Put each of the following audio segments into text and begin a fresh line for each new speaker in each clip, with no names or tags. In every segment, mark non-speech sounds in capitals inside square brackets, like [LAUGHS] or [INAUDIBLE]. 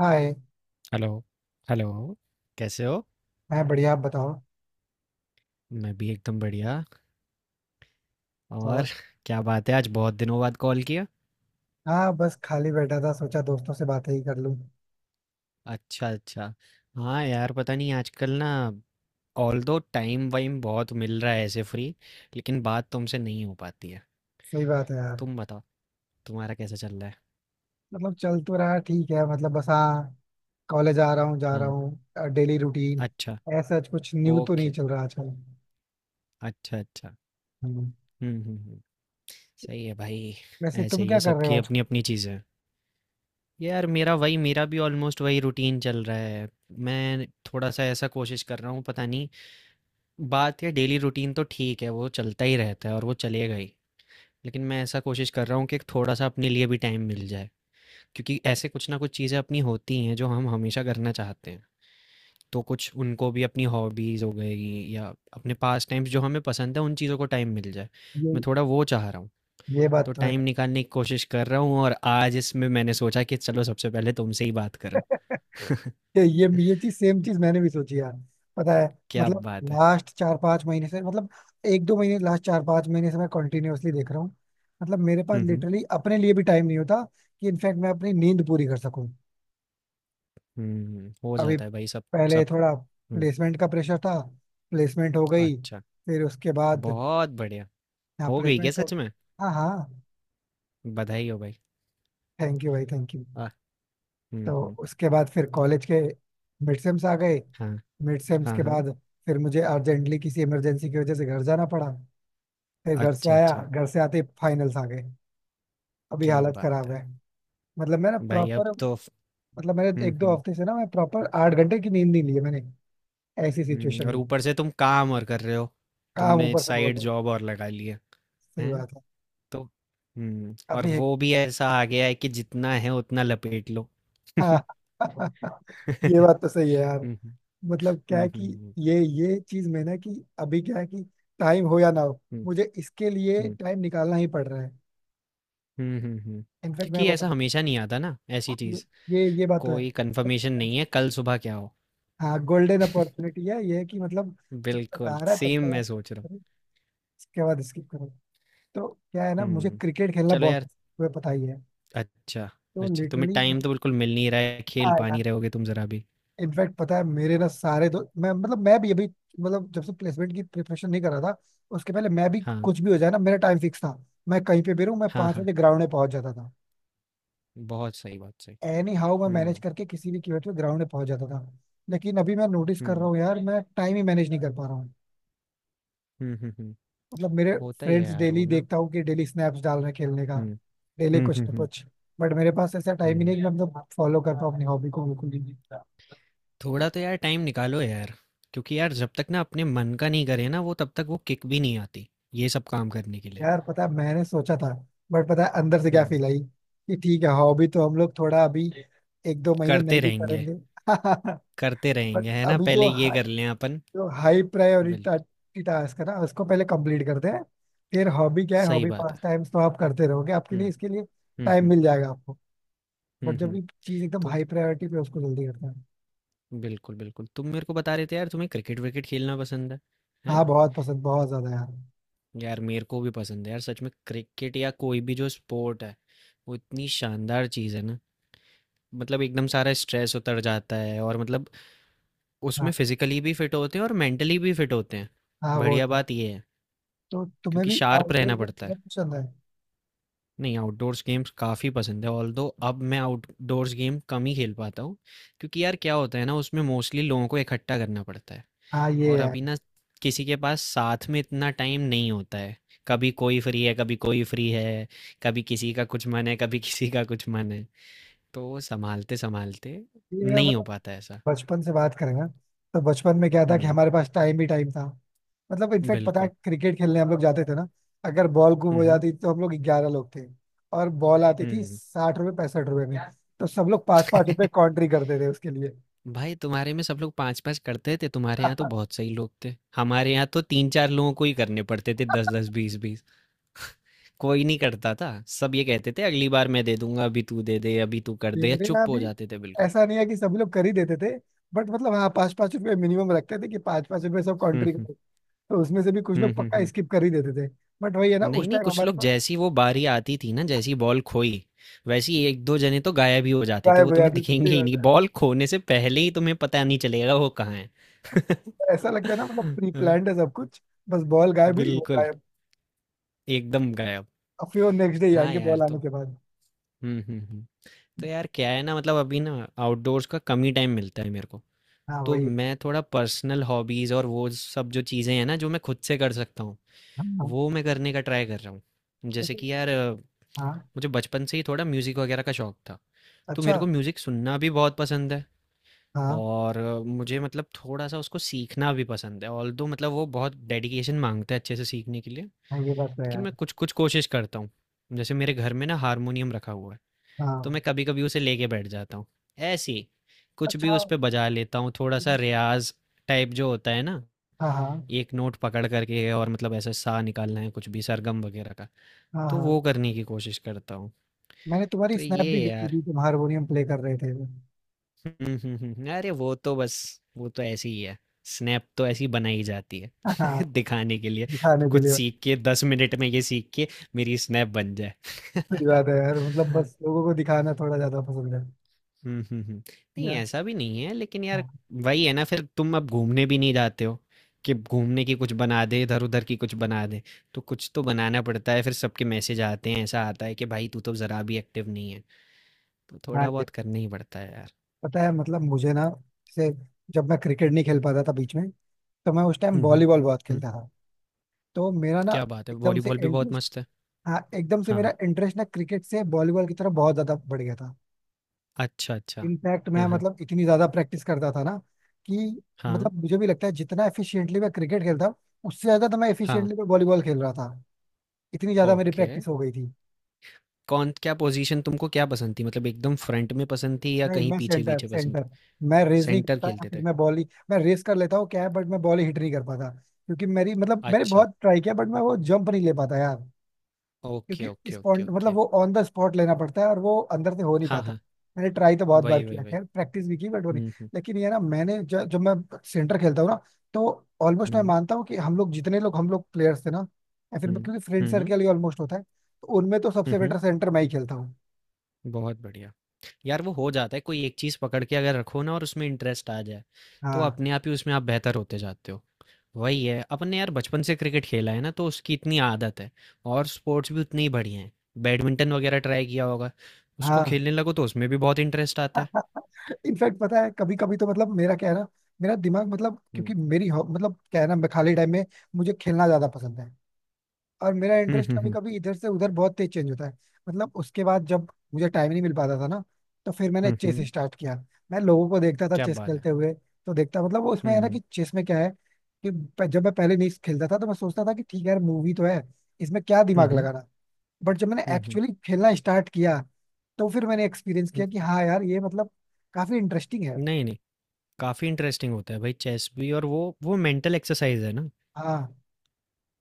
हाय।
Hello. Hello. कैसे हो?
मैं बढ़िया, आप बताओ।
मैं भी एकदम बढ़िया। और
और
[LAUGHS] क्या बात है, आज बहुत दिनों बाद कॉल किया।
हाँ बस खाली बैठा था, सोचा दोस्तों से बातें ही कर लूँ।
अच्छा, अच्छा। हाँ यार, पता नहीं आजकल ना, ऑल दो टाइम वाइम बहुत मिल रहा है ऐसे फ्री, लेकिन बात तुमसे नहीं हो पाती है।
सही बात है यार।
तुम बताओ, तुम्हारा कैसा चल रहा है?
मतलब चल तो रहा है, ठीक है, मतलब बस हाँ। कॉलेज आ रहा हूँ, जा रहा
हाँ।
हूँ, डेली रूटीन।
अच्छा।
ऐसा कुछ न्यू तो नहीं
ओके।
चल रहा आजकल।
अच्छा, अच्छा।
हम्म।
हम्म, हम्म, हम्म। सही है भाई।
वैसे
ऐसे
तुम
ही
क्या
है,
कर रहे हो
सबकी
आजकल?
अपनी अपनी चीज़ें हैं। यार मेरा भी ऑलमोस्ट वही रूटीन चल रहा है। मैं थोड़ा सा ऐसा कोशिश कर रहा हूँ, पता नहीं। बात या डेली रूटीन तो ठीक है, वो चलता ही रहता है और वो चलेगा ही। लेकिन मैं ऐसा कोशिश कर रहा हूँ कि थोड़ा सा अपने लिए भी टाइम मिल जाए, क्योंकि ऐसे कुछ ना कुछ चीज़ें अपनी होती हैं जो हम हमेशा करना चाहते हैं। तो कुछ उनको भी, अपनी हॉबीज़ हो गई या अपने पास टाइम्स जो हमें पसंद है, उन चीज़ों को टाइम मिल जाए।
ये
मैं थोड़ा वो चाह रहा हूँ।
ये बात
तो
तो है।
टाइम निकालने की कोशिश कर रहा हूँ, और आज इसमें मैंने सोचा कि चलो सबसे पहले तुमसे ही बात करूँ। [LAUGHS]
ये चीज, सेम चीज मैंने भी सोची यार, पता है।
क्या
मतलब
बात है।
लास्ट 4-5 महीने से, मतलब 1-2 महीने, लास्ट 4-5 महीने से मैं कंटिन्यूअसली देख रहा हूँ। मतलब मेरे पास
हम्म,
लिटरली अपने लिए भी टाइम नहीं होता कि इनफैक्ट मैं अपनी नींद पूरी कर सकूं।
हम्म, हम्म। हो
अभी
जाता है भाई सब।
पहले
सब।
थोड़ा
हम्म।
प्लेसमेंट का प्रेशर था। प्लेसमेंट हो गई,
अच्छा।
फिर उसके बाद
बहुत बढ़िया।
हाँ
हो गई क्या
प्लेसमेंट हो।
सच में?
हाँ हाँ।
बधाई हो भाई।
थैंक यू भाई, थैंक यू।
आ, हम्म,
तो
हम्म।
उसके बाद फिर कॉलेज के मिड सेम्स आ गए।
हाँ,
मिड सेम्स
हाँ।
के
हाँ।
बाद फिर मुझे अर्जेंटली किसी इमरजेंसी की वजह से घर जाना पड़ा। फिर घर से
अच्छा,
आया,
अच्छा।
घर से आते ही फाइनल्स आ गए। अभी
क्या
हालत
बात
खराब
है?
है। मतलब मैं ना
भाई अब
प्रॉपर,
तो,
मतलब मैंने
हम्म,
एक दो
हम्म,
हफ्ते से ना मैं प्रॉपर 8 घंटे की नींद नहीं ली है मैंने। ऐसी सिचुएशन हो
और
गई।
ऊपर से तुम काम और कर रहे हो,
काम
तुमने
ऊपर से बोल
साइड
रहा हूँ।
जॉब और लगा ली है?
सही
हैं?
बात है।
तो हम्म, और
काफी है।
वो भी ऐसा आ गया है कि जितना है उतना लपेट लो।
हाँ। [LAUGHS]
[LAUGHS]
ये
हम्म,
बात तो सही है यार। मतलब क्या है
हम्म,
कि
हम्म,
ये चीज में ना कि अभी क्या है कि टाइम हो या ना हो,
हम्म,
मुझे इसके
हम्म,
लिए टाइम निकालना ही पड़ रहा है।
हम्म,
इनफैक्ट मैं
क्योंकि ऐसा हमेशा नहीं आता ना ऐसी
बताऊँ,
चीज,
ये बात तो है।
कोई कंफर्मेशन नहीं है कल सुबह क्या हो।
हाँ गोल्डन अपॉर्चुनिटी है, ये है कि मतलब जब तक आ
बिल्कुल
रहा है तब
सेम
तक
मैं
आप
सोच रहा हूँ।
करो, उसके बाद स्किप करो। तो क्या है ना, मुझे
हुँ।
क्रिकेट खेलना
चलो
बहुत
यार।
पसंद है, तुम्हें पता ही है।
अच्छा।
तो
अच्छा, तुम्हें
लिटरली
टाइम
मतलब
तो बिल्कुल मिल नहीं रहा है, खेल
हाँ
पा
यार
नहीं रहे होगे तुम ज़रा भी।
इनफैक्ट पता है, मेरे ना सारे दो मैं मतलब मैं भी अभी, मतलब जब से प्लेसमेंट की प्रिपरेशन नहीं कर रहा था उसके पहले, मैं भी
हाँ,
कुछ भी हो जाए ना मेरा टाइम फिक्स था। मैं कहीं पे भी रहूं, मैं
हाँ,
पांच
हाँ,
बजे ग्राउंड में पहुंच जाता था।
बहुत सही, बहुत सही।
एनी हाउ मैं मैनेज
हुँ,
करके किसी भी कीमत पे ग्राउंड में पहुंच जाता था। लेकिन अभी मैं नोटिस कर रहा
हुँ,
हूँ यार मैं टाइम ही मैनेज नहीं कर पा रहा हूँ।
हुँ, हुँ, हुँ।
मतलब मेरे
होता ही है
फ्रेंड्स,
यार वो
डेली
ना।
देखता हूँ कि डेली स्नैप्स डाल रहे हैं खेलने का,
हुँ,
डेली
हुँ,
कुछ
हुँ,
ना
हुँ,
कुछ। बट मेरे पास ऐसा टाइम ही
हुँ।
नहीं कि मैं मतलब फॉलो कर पाऊँ अपनी हॉबी को बिल्कुल भी।
थोड़ा तो यार टाइम निकालो यार, क्योंकि यार जब तक ना अपने मन का नहीं करें ना वो, तब तक वो किक भी नहीं आती, ये सब काम करने के लिए।
यार पता है मैंने सोचा था, बट पता है अंदर से क्या
हुँ,
फील आई कि ठीक है हॉबी तो हम लोग थोड़ा अभी 1-2 महीने नहीं
करते
भी
रहेंगे,
करेंगे। [LAUGHS]
करते
बट
रहेंगे है ना,
अभी
पहले ये कर लें अपन।
जो हाई
बिल्कुल,
प्रायोरिटी टास्क है ना उसको पहले कंप्लीट करते हैं। फिर हॉबी क्या है,
सही
हॉबी
बात
पास
है।
टाइम्स तो आप करते रहोगे, आपके लिए
हुँ,
इसके लिए
हुँ,
टाइम
हुँ,
मिल जाएगा आपको। बट
हुँ,
जब
हुँ।
ये चीज एकदम
तो
हाई प्रायोरिटी पे है, उसको जल्दी करते हैं।
बिल्कुल, बिल्कुल। तुम मेरे को बता रहे थे यार, तुम्हें क्रिकेट-विकेट खेलना पसंद है, हैं?
हाँ बहुत पसंद, बहुत ज्यादा यार।
यार मेरे को भी पसंद है यार, सच में क्रिकेट या कोई भी जो स्पोर्ट है, वो इतनी शानदार चीज़ है ना, मतलब एकदम सारा स्ट्रेस उतर जाता है, और मतलब
हाँ
उसमें फिज़िकली भी फिट होते हैं और मेंटली भी फिट होते हैं।
हाँ वो
बढ़िया
तो।
बात ये है,
तो तुम्हें
क्योंकि
भी
शार्प
आउटडोर
रहना
गेम
पड़ता है।
बहुत पसंद है।
नहीं, आउटडोर्स गेम्स काफ़ी पसंद है, ऑल्दो अब मैं आउटडोर्स गेम कम ही खेल पाता हूँ, क्योंकि यार क्या होता है ना, उसमें मोस्टली लोगों को इकट्ठा करना पड़ता है।
हाँ ये
और
यार,
अभी ना किसी के पास साथ में इतना टाइम नहीं होता है, कभी कोई फ्री है कभी कोई फ्री है, कभी किसी का कुछ मन है, कभी [LAUGHS] किसी का कुछ मन है, तो वो संभालते संभालते
ये है,
नहीं हो
मतलब
पाता ऐसा।
बचपन से बात करें ना, तो बचपन में क्या था कि
हम्म।
हमारे पास टाइम ही टाइम था। मतलब इनफैक्ट पता है,
बिल्कुल।
क्रिकेट खेलने हम लोग जाते थे ना, अगर बॉल गुम हो
हम्म,
जाती, तो हम लोग 11 लोग थे और बॉल आती थी
हम्म।
60 रुपए 65 रुपए में, तो सब लोग पाँच पाँच रुपए
[LAUGHS]
कॉन्ट्री करते थे उसके लिए।
भाई, तुम्हारे में सब लोग पाँच पाँच करते थे? तुम्हारे
[LAUGHS]
यहाँ तो
हाँ,
बहुत सही लोग थे, हमारे यहाँ तो तीन चार लोगों को ही करने पड़ते थे दस दस बीस बीस। [LAUGHS] कोई नहीं करता था, सब ये कहते थे अगली बार मैं दे दूंगा, अभी तू दे दे, अभी तू कर दे, या
मेरे यहाँ
चुप हो
भी
जाते थे बिल्कुल।
ऐसा नहीं है कि सभी लोग कर ही देते थे, बट मतलब हाँ पाँच पाँच रुपए मिनिमम रखते थे कि पाँच पाँच रुपए सब
हम्म,
कॉन्ट्री।
हम्म,
तो उसमें से भी कुछ
हम्म,
लोग पक्का
हम्म।
स्किप कर ही देते थे। बट वही है ना,
नहीं,
उस
नहीं,
टाइम
कुछ
हमारे
लोग
पास।
जैसी वो बारी आती थी ना, जैसी बॉल खोई, वैसे ही 1-2 जने तो गायब ही हो जाते थे,
गायब
वो
हो
तुम्हें [LAUGHS]
जाती थी, सही
दिखेंगे ही
बात
नहीं,
है।
बॉल खोने से पहले ही तुम्हें पता नहीं चलेगा वो कहाँ है। [LAUGHS]
ऐसा लगता है ना मतलब प्री
हाँ,
प्लान्ड है सब कुछ, बस बॉल गायब हुई वो
बिल्कुल,
गायब।
एकदम गायब।
अब फिर वो नेक्स्ट डे
हाँ
आएंगे
यार,
बॉल आने
तो
के बाद।
हुँ, हुँ, हुँ। तो यार क्या है ना, मतलब अभी ना आउटडोर्स का कम ही टाइम मिलता है मेरे को,
हाँ
तो
वही है।
मैं थोड़ा पर्सनल हॉबीज़ और वो सब जो चीज़ें हैं ना, जो मैं खुद से कर सकता हूँ,
हाँ हाँ।
वो मैं करने का ट्राई कर रहा हूँ। जैसे
ऐसे-
कि यार
हाँ,
मुझे बचपन से ही थोड़ा म्यूज़िक वगैरह का शौक था। तो
अच्छा।
मेरे को म्यूज़िक सुनना भी बहुत पसंद है,
हाँ
और मुझे मतलब थोड़ा-सा उसको सीखना भी पसंद है। ऑल्दो मतलब वो बहुत डेडिकेशन माँगता है अच्छे से सीखने के लिए,
हाँ। ये बात तो है
लेकिन
यार।
मैं कुछ-कुछ कोशिश करता हूँ। जैसे मेरे घर में ना हारमोनियम रखा हुआ है, तो
हाँ,
मैं कभी-कभी उसे लेके बैठ जाता हूँ। ऐसे ही, कुछ भी
अच्छा।
उस पे बजा लेता हूँ, थोड़ा-सा रियाज़ टाइप जो होता है ना,
हाँ हाँ।
एक नोट पकड़ करके, और मतलब ऐसे सा निकालना है कुछ भी सरगम वगैरह का,
हाँ
तो
हाँ।
वो करने की कोशिश करता हूँ।
मैंने तुम्हारी
तो
स्नैप
ये
भी
है
देखी
यार।
थी, तुम हारमोनियम प्ले कर रहे थे।
हुँ, हुँ, हुँ, हुँ। अरे वो तो ऐसी ही है। स्नैप तो ऐसी बनाई जाती है
हाँ,
[LAUGHS] दिखाने के लिए।
दिखाने के
कुछ
लिए।
सीख के 10 मिनट में ये सीख के मेरी स्नैप बन जाए।
सही
[LAUGHS]
बात है यार, मतलब बस लोगों को दिखाना थोड़ा ज्यादा पसंद है।
हुँ, हुँ, हुँ। नहीं,
या
ऐसा भी नहीं है लेकिन यार,
हाँ।
वही है ना, फिर तुम अब घूमने भी नहीं जाते हो कि घूमने की कुछ बना दे, इधर-उधर की कुछ बना दे। तो कुछ तो बनाना पड़ता है, फिर सबके मैसेज आते हैं, ऐसा आता है कि भाई तू तो ज़रा भी एक्टिव नहीं है। तो
हाँ।
थोड़ा बहुत करना ही पड़ता है यार।
पता है मतलब मुझे ना, जैसे जब मैं क्रिकेट नहीं खेल पाता था बीच में, तो मैं उस टाइम
हुँ, हुँ,
वॉलीबॉल बहुत
हुँ।
खेलता था। तो मेरा ना
क्या बात है!
एकदम से
वॉलीबॉल भी बहुत
इंटरेस्ट,
मस्त है।
हाँ एकदम से
हाँ,
मेरा इंटरेस्ट ना क्रिकेट से वॉलीबॉल की तरफ बहुत ज्यादा बढ़ गया था।
अच्छा, अच्छा।
इनफैक्ट मैं
हाँ, हाँ।
मतलब इतनी ज्यादा प्रैक्टिस करता था ना कि,
हाँ,
मतलब मुझे भी लगता है, जितना एफिशिएंटली मैं क्रिकेट खेलता हूँ उससे ज्यादा तो मैं
हाँ,
एफिशिएंटली वॉलीबॉल खेल रहा था। इतनी ज्यादा मेरी
ओके।
प्रैक्टिस हो गई थी।
कौन क्या पोज़ीशन तुमको क्या पसंद थी? मतलब एकदम फ्रंट में पसंद थी, या
नहीं
कहीं
मैं सेंटर,
पीछे-पीछे पसंद
सेंटर।
थी?
मैं रेस नहीं
सेंटर
करता, या
खेलते
फिर
थे?
मैं बॉल ही, मैं रेस कर लेता हूँ क्या है, बट मैं बॉल ही हिट नहीं कर पाता क्योंकि मेरी मतलब, मैंने
अच्छा,
बहुत ट्राई किया बट मैं वो जंप नहीं ले पाता यार।
ओके,
क्योंकि
ओके, ओके,
स्पॉट मतलब
ओके।
वो ऑन द स्पॉट लेना पड़ता है और वो अंदर से हो नहीं
हाँ,
पाता।
हाँ।
मैंने ट्राई तो बहुत बार
वही, वही,
किया,
वही।
खैर प्रैक्टिस भी की, बट वो नहीं।
हुँ, हुँ।
लेकिन ये ना, जब मैं सेंटर खेलता हूँ ना, तो
हुँ,
ऑलमोस्ट मैं
हुँ।
मानता हूँ कि हम लोग जितने लोग, हम लोग प्लेयर्स थे ना, या फिर क्योंकि फ्रेंड
हुँ, हुँ।
सर्कल ही ऑलमोस्ट होता है, तो उनमें तो
हुँ,
सबसे बेटर
हुँ।
सेंटर मैं ही खेलता हूँ।
बहुत बढ़िया। यार वो हो जाता है, कोई एक चीज़ पकड़ के अगर रखो ना और उसमें इंटरेस्ट आ जाए, तो
हाँ
अपने आप ही उसमें आप बेहतर होते जाते हो। वही है, अपन ने यार बचपन से क्रिकेट खेला है ना, तो उसकी इतनी आदत है। और स्पोर्ट्स भी उतनी ही बढ़िया हैं, बैडमिंटन वगैरह ट्राई किया होगा, उसको
हाँ।
खेलने लगो तो उसमें भी बहुत इंटरेस्ट आता है।
इनफैक्ट पता है कभी कभी तो मतलब मेरा क्या है ना, मेरा दिमाग मतलब,
हम्म,
क्योंकि मतलब क्या है ना, मैं खाली टाइम में मुझे खेलना ज्यादा पसंद है, और मेरा
हम्म,
इंटरेस्ट
हम्म,
कभी
हम्म,
कभी इधर से उधर बहुत तेज चेंज होता है। मतलब उसके बाद जब मुझे टाइम नहीं मिल पाता था ना, तो फिर मैंने
हम्म,
चेस
हम्म,
स्टार्ट किया। मैं लोगों को देखता था
क्या
चेस
बात है।
खेलते हुए, तो देखता मतलब वो उसमें है ना
हम्म,
कि चेस में क्या है कि जब मैं पहले नहीं खेलता था, तो मैं सोचता था कि ठीक है यार, मूवी तो है, इसमें क्या
हम्म,
दिमाग
हम्म,
लगाना। बट जब मैंने
हम्म,
एक्चुअली खेलना स्टार्ट किया, तो फिर मैंने एक्सपीरियंस किया
हम्म।
कि हाँ यार, ये मतलब काफी इंटरेस्टिंग है।
नहीं, नहीं, काफ़ी इंटरेस्टिंग होता है भाई चेस भी, और वो मेंटल एक्सरसाइज है ना।
हाँ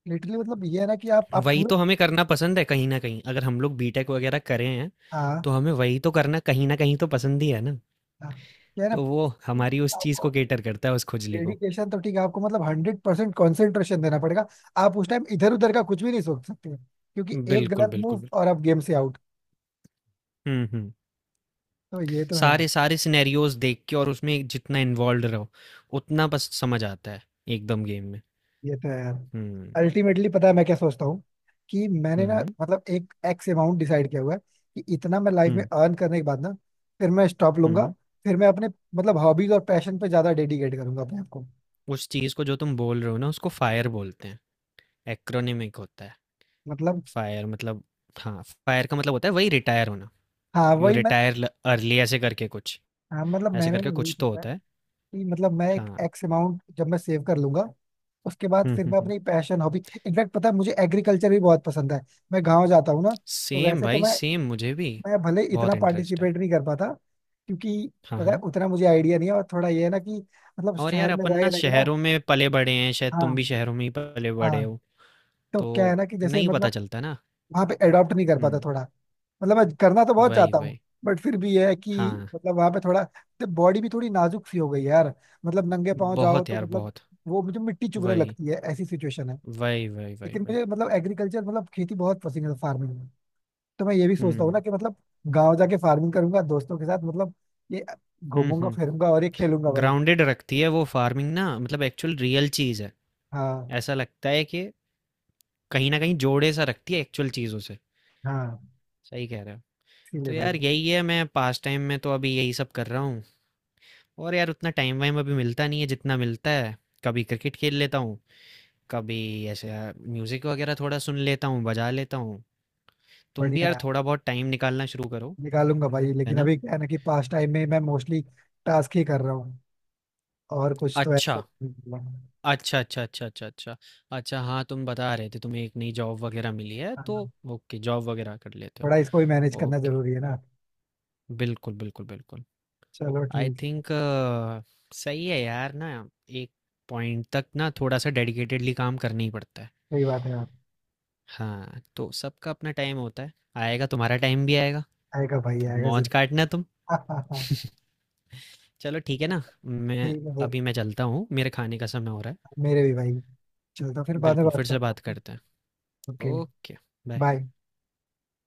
लिटरली, मतलब ये है ना कि आप
वही
पूरा।
तो हमें करना पसंद है कहीं ना कहीं, अगर हम लोग बीटेक वगैरह करे हैं,
हाँ
तो हमें वही तो करना कहीं ना कहीं तो पसंद ही है ना,
हाँ। क्या है ना,
तो वो हमारी उस चीज़
आपको
को केटर करता है, उस खुजली को।
डेडिकेशन तो ठीक है, आपको मतलब 100% कॉन्सेंट्रेशन देना पड़ेगा, आप उस टाइम इधर उधर का कुछ भी नहीं सोच सकते, क्योंकि एक
बिल्कुल,
गलत
बिल्कुल,
मूव
बिल्कुल।
और आप गेम से आउट।
हम्म, हम्म।
तो ये तो है।
सारे सारे सिनेरियोज देख के, और उसमें जितना इन्वॉल्व रहो, उतना बस समझ आता है एकदम गेम में।
ये तो है यार।
हम्म,
अल्टीमेटली पता है मैं क्या सोचता हूँ कि मैंने ना,
हम्म,
मतलब एक एक्स अमाउंट डिसाइड किया हुआ है कि इतना मैं लाइफ में
हम्म,
अर्न करने के बाद ना, फिर मैं स्टॉप लूंगा।
हम्म।
फिर मैं अपने मतलब हॉबीज और पैशन पे ज्यादा डेडिकेट करूंगा अपने आप को।
उस चीज़ को जो तुम बोल रहे हो ना, उसको फायर बोलते हैं, एक्रोनिमिक होता है।
मतलब
फायर मतलब, हाँ, फायर का मतलब होता है वही रिटायर होना।
हाँ
यू
वही मैं,
रिटायर अर्ली, ऐसे करके कुछ,
हाँ मतलब
ऐसे
मैंने ना
करके
यही
कुछ तो
सोचा है
होता है।
कि मतलब मैं एक
हाँ।
एक्स अमाउंट जब मैं सेव कर लूंगा, उसके बाद
हम्म,
फिर
हम्म,
मैं
हम्म।
अपनी पैशन हॉबी, इनफैक्ट पता है मुझे एग्रीकल्चर भी बहुत पसंद है। मैं गाँव जाता हूँ ना, तो
सेम
वैसे तो
भाई
मैं
सेम, मुझे भी
मैं भले इतना
बहुत इंटरेस्ट है।
पार्टिसिपेट नहीं कर पाता क्योंकि
हाँ,
पता है
हाँ।
उतना मुझे आइडिया नहीं है, और थोड़ा ये है ना कि मतलब
और यार,
शहर में
अपन
रहे
ना
ना कि ना।
शहरों में पले बड़े हैं, शायद तुम
हाँ।
भी शहरों में ही पले बड़े
हाँ।
हो,
तो
तो
क्या है ना कि जैसे
नहीं पता
मतलब
चलता ना।
वहाँ पे एडॉप्ट नहीं कर पाता
हम्म।
थोड़ा, मतलब मैं करना तो बहुत
वही,
चाहता हूँ,
वही।
बट फिर भी ये है कि
हाँ,
मतलब वहाँ पे थोड़ा बॉडी भी थोड़ी नाजुक सी हो गई है यार। मतलब नंगे पाँव जाओ
बहुत
तो
यार
मतलब
बहुत।
वो मुझे मिट्टी चुभने
वही,
लगती है, ऐसी सिचुएशन है।
वही, वही, वही,
लेकिन
वही।
मुझे मतलब एग्रीकल्चर, मतलब खेती बहुत पसंद है, फार्मिंग। तो मैं ये भी सोचता हूँ ना
हम्म,
कि मतलब गाँव जाके फार्मिंग करूंगा दोस्तों के साथ, मतलब ये
हम्म,
घूमूंगा
हम्म।
फिरूंगा और ये खेलूंगा भाई।
ग्राउंडेड रखती है वो फार्मिंग ना, मतलब एक्चुअल रियल चीज़ है,
हाँ
ऐसा लगता है कि कहीं ना कहीं जोड़े सा रखती है एक्चुअल चीज़ों से।
हाँ।
सही कह रहे हो। तो
इसीलिए भाई।
यार यही है, मैं पास टाइम में तो अभी यही सब कर रहा हूँ, और यार उतना टाइम वाइम अभी मिलता नहीं है, जितना मिलता है कभी क्रिकेट खेल लेता हूँ, कभी ऐसे यार म्यूजिक वगैरह थोड़ा सुन लेता हूँ, बजा लेता हूँ। तुम भी
बढ़िया
यार
है,
थोड़ा बहुत टाइम निकालना शुरू करो,
निकालूंगा भाई,
है
लेकिन
ना।
अभी क्या है ना कि पास टाइम में मैं मोस्टली टास्क ही कर रहा हूँ, और कुछ तो
अच्छा,
ऐसा नहीं हुआ।
अच्छा, अच्छा, अच्छा, अच्छा, अच्छा, अच्छा। हाँ, तुम बता रहे थे तुम्हें एक नई जॉब वगैरह मिली है, तो
हाँ,
ओके, जॉब वगैरह कर लेते हो।
थोड़ा इसको भी मैनेज करना
ओके,
जरूरी है ना।
बिल्कुल, बिल्कुल, बिल्कुल।
चलो
आई
ठीक।
थिंक सही है यार ना, एक पॉइंट तक ना थोड़ा सा डेडिकेटेडली काम करना ही पड़ता है।
सही बात है यार।
हाँ, तो सबका अपना टाइम होता है, आएगा, तुम्हारा टाइम भी आएगा।
आएगा भाई, आएगा
मौज काटना तुम।
जरूर। [LAUGHS]
[LAUGHS] चलो ठीक है ना। मैं
ठीक है फिर,
अभी मैं चलता हूँ, मेरे खाने का समय हो रहा
मेरे भी भाई, चलो तो फिर
है।
बाद में
बिल्कुल,
बात
फिर से
करता
बात
हूँ।
करते हैं।
ओके।
ओके। बाय।
बाय।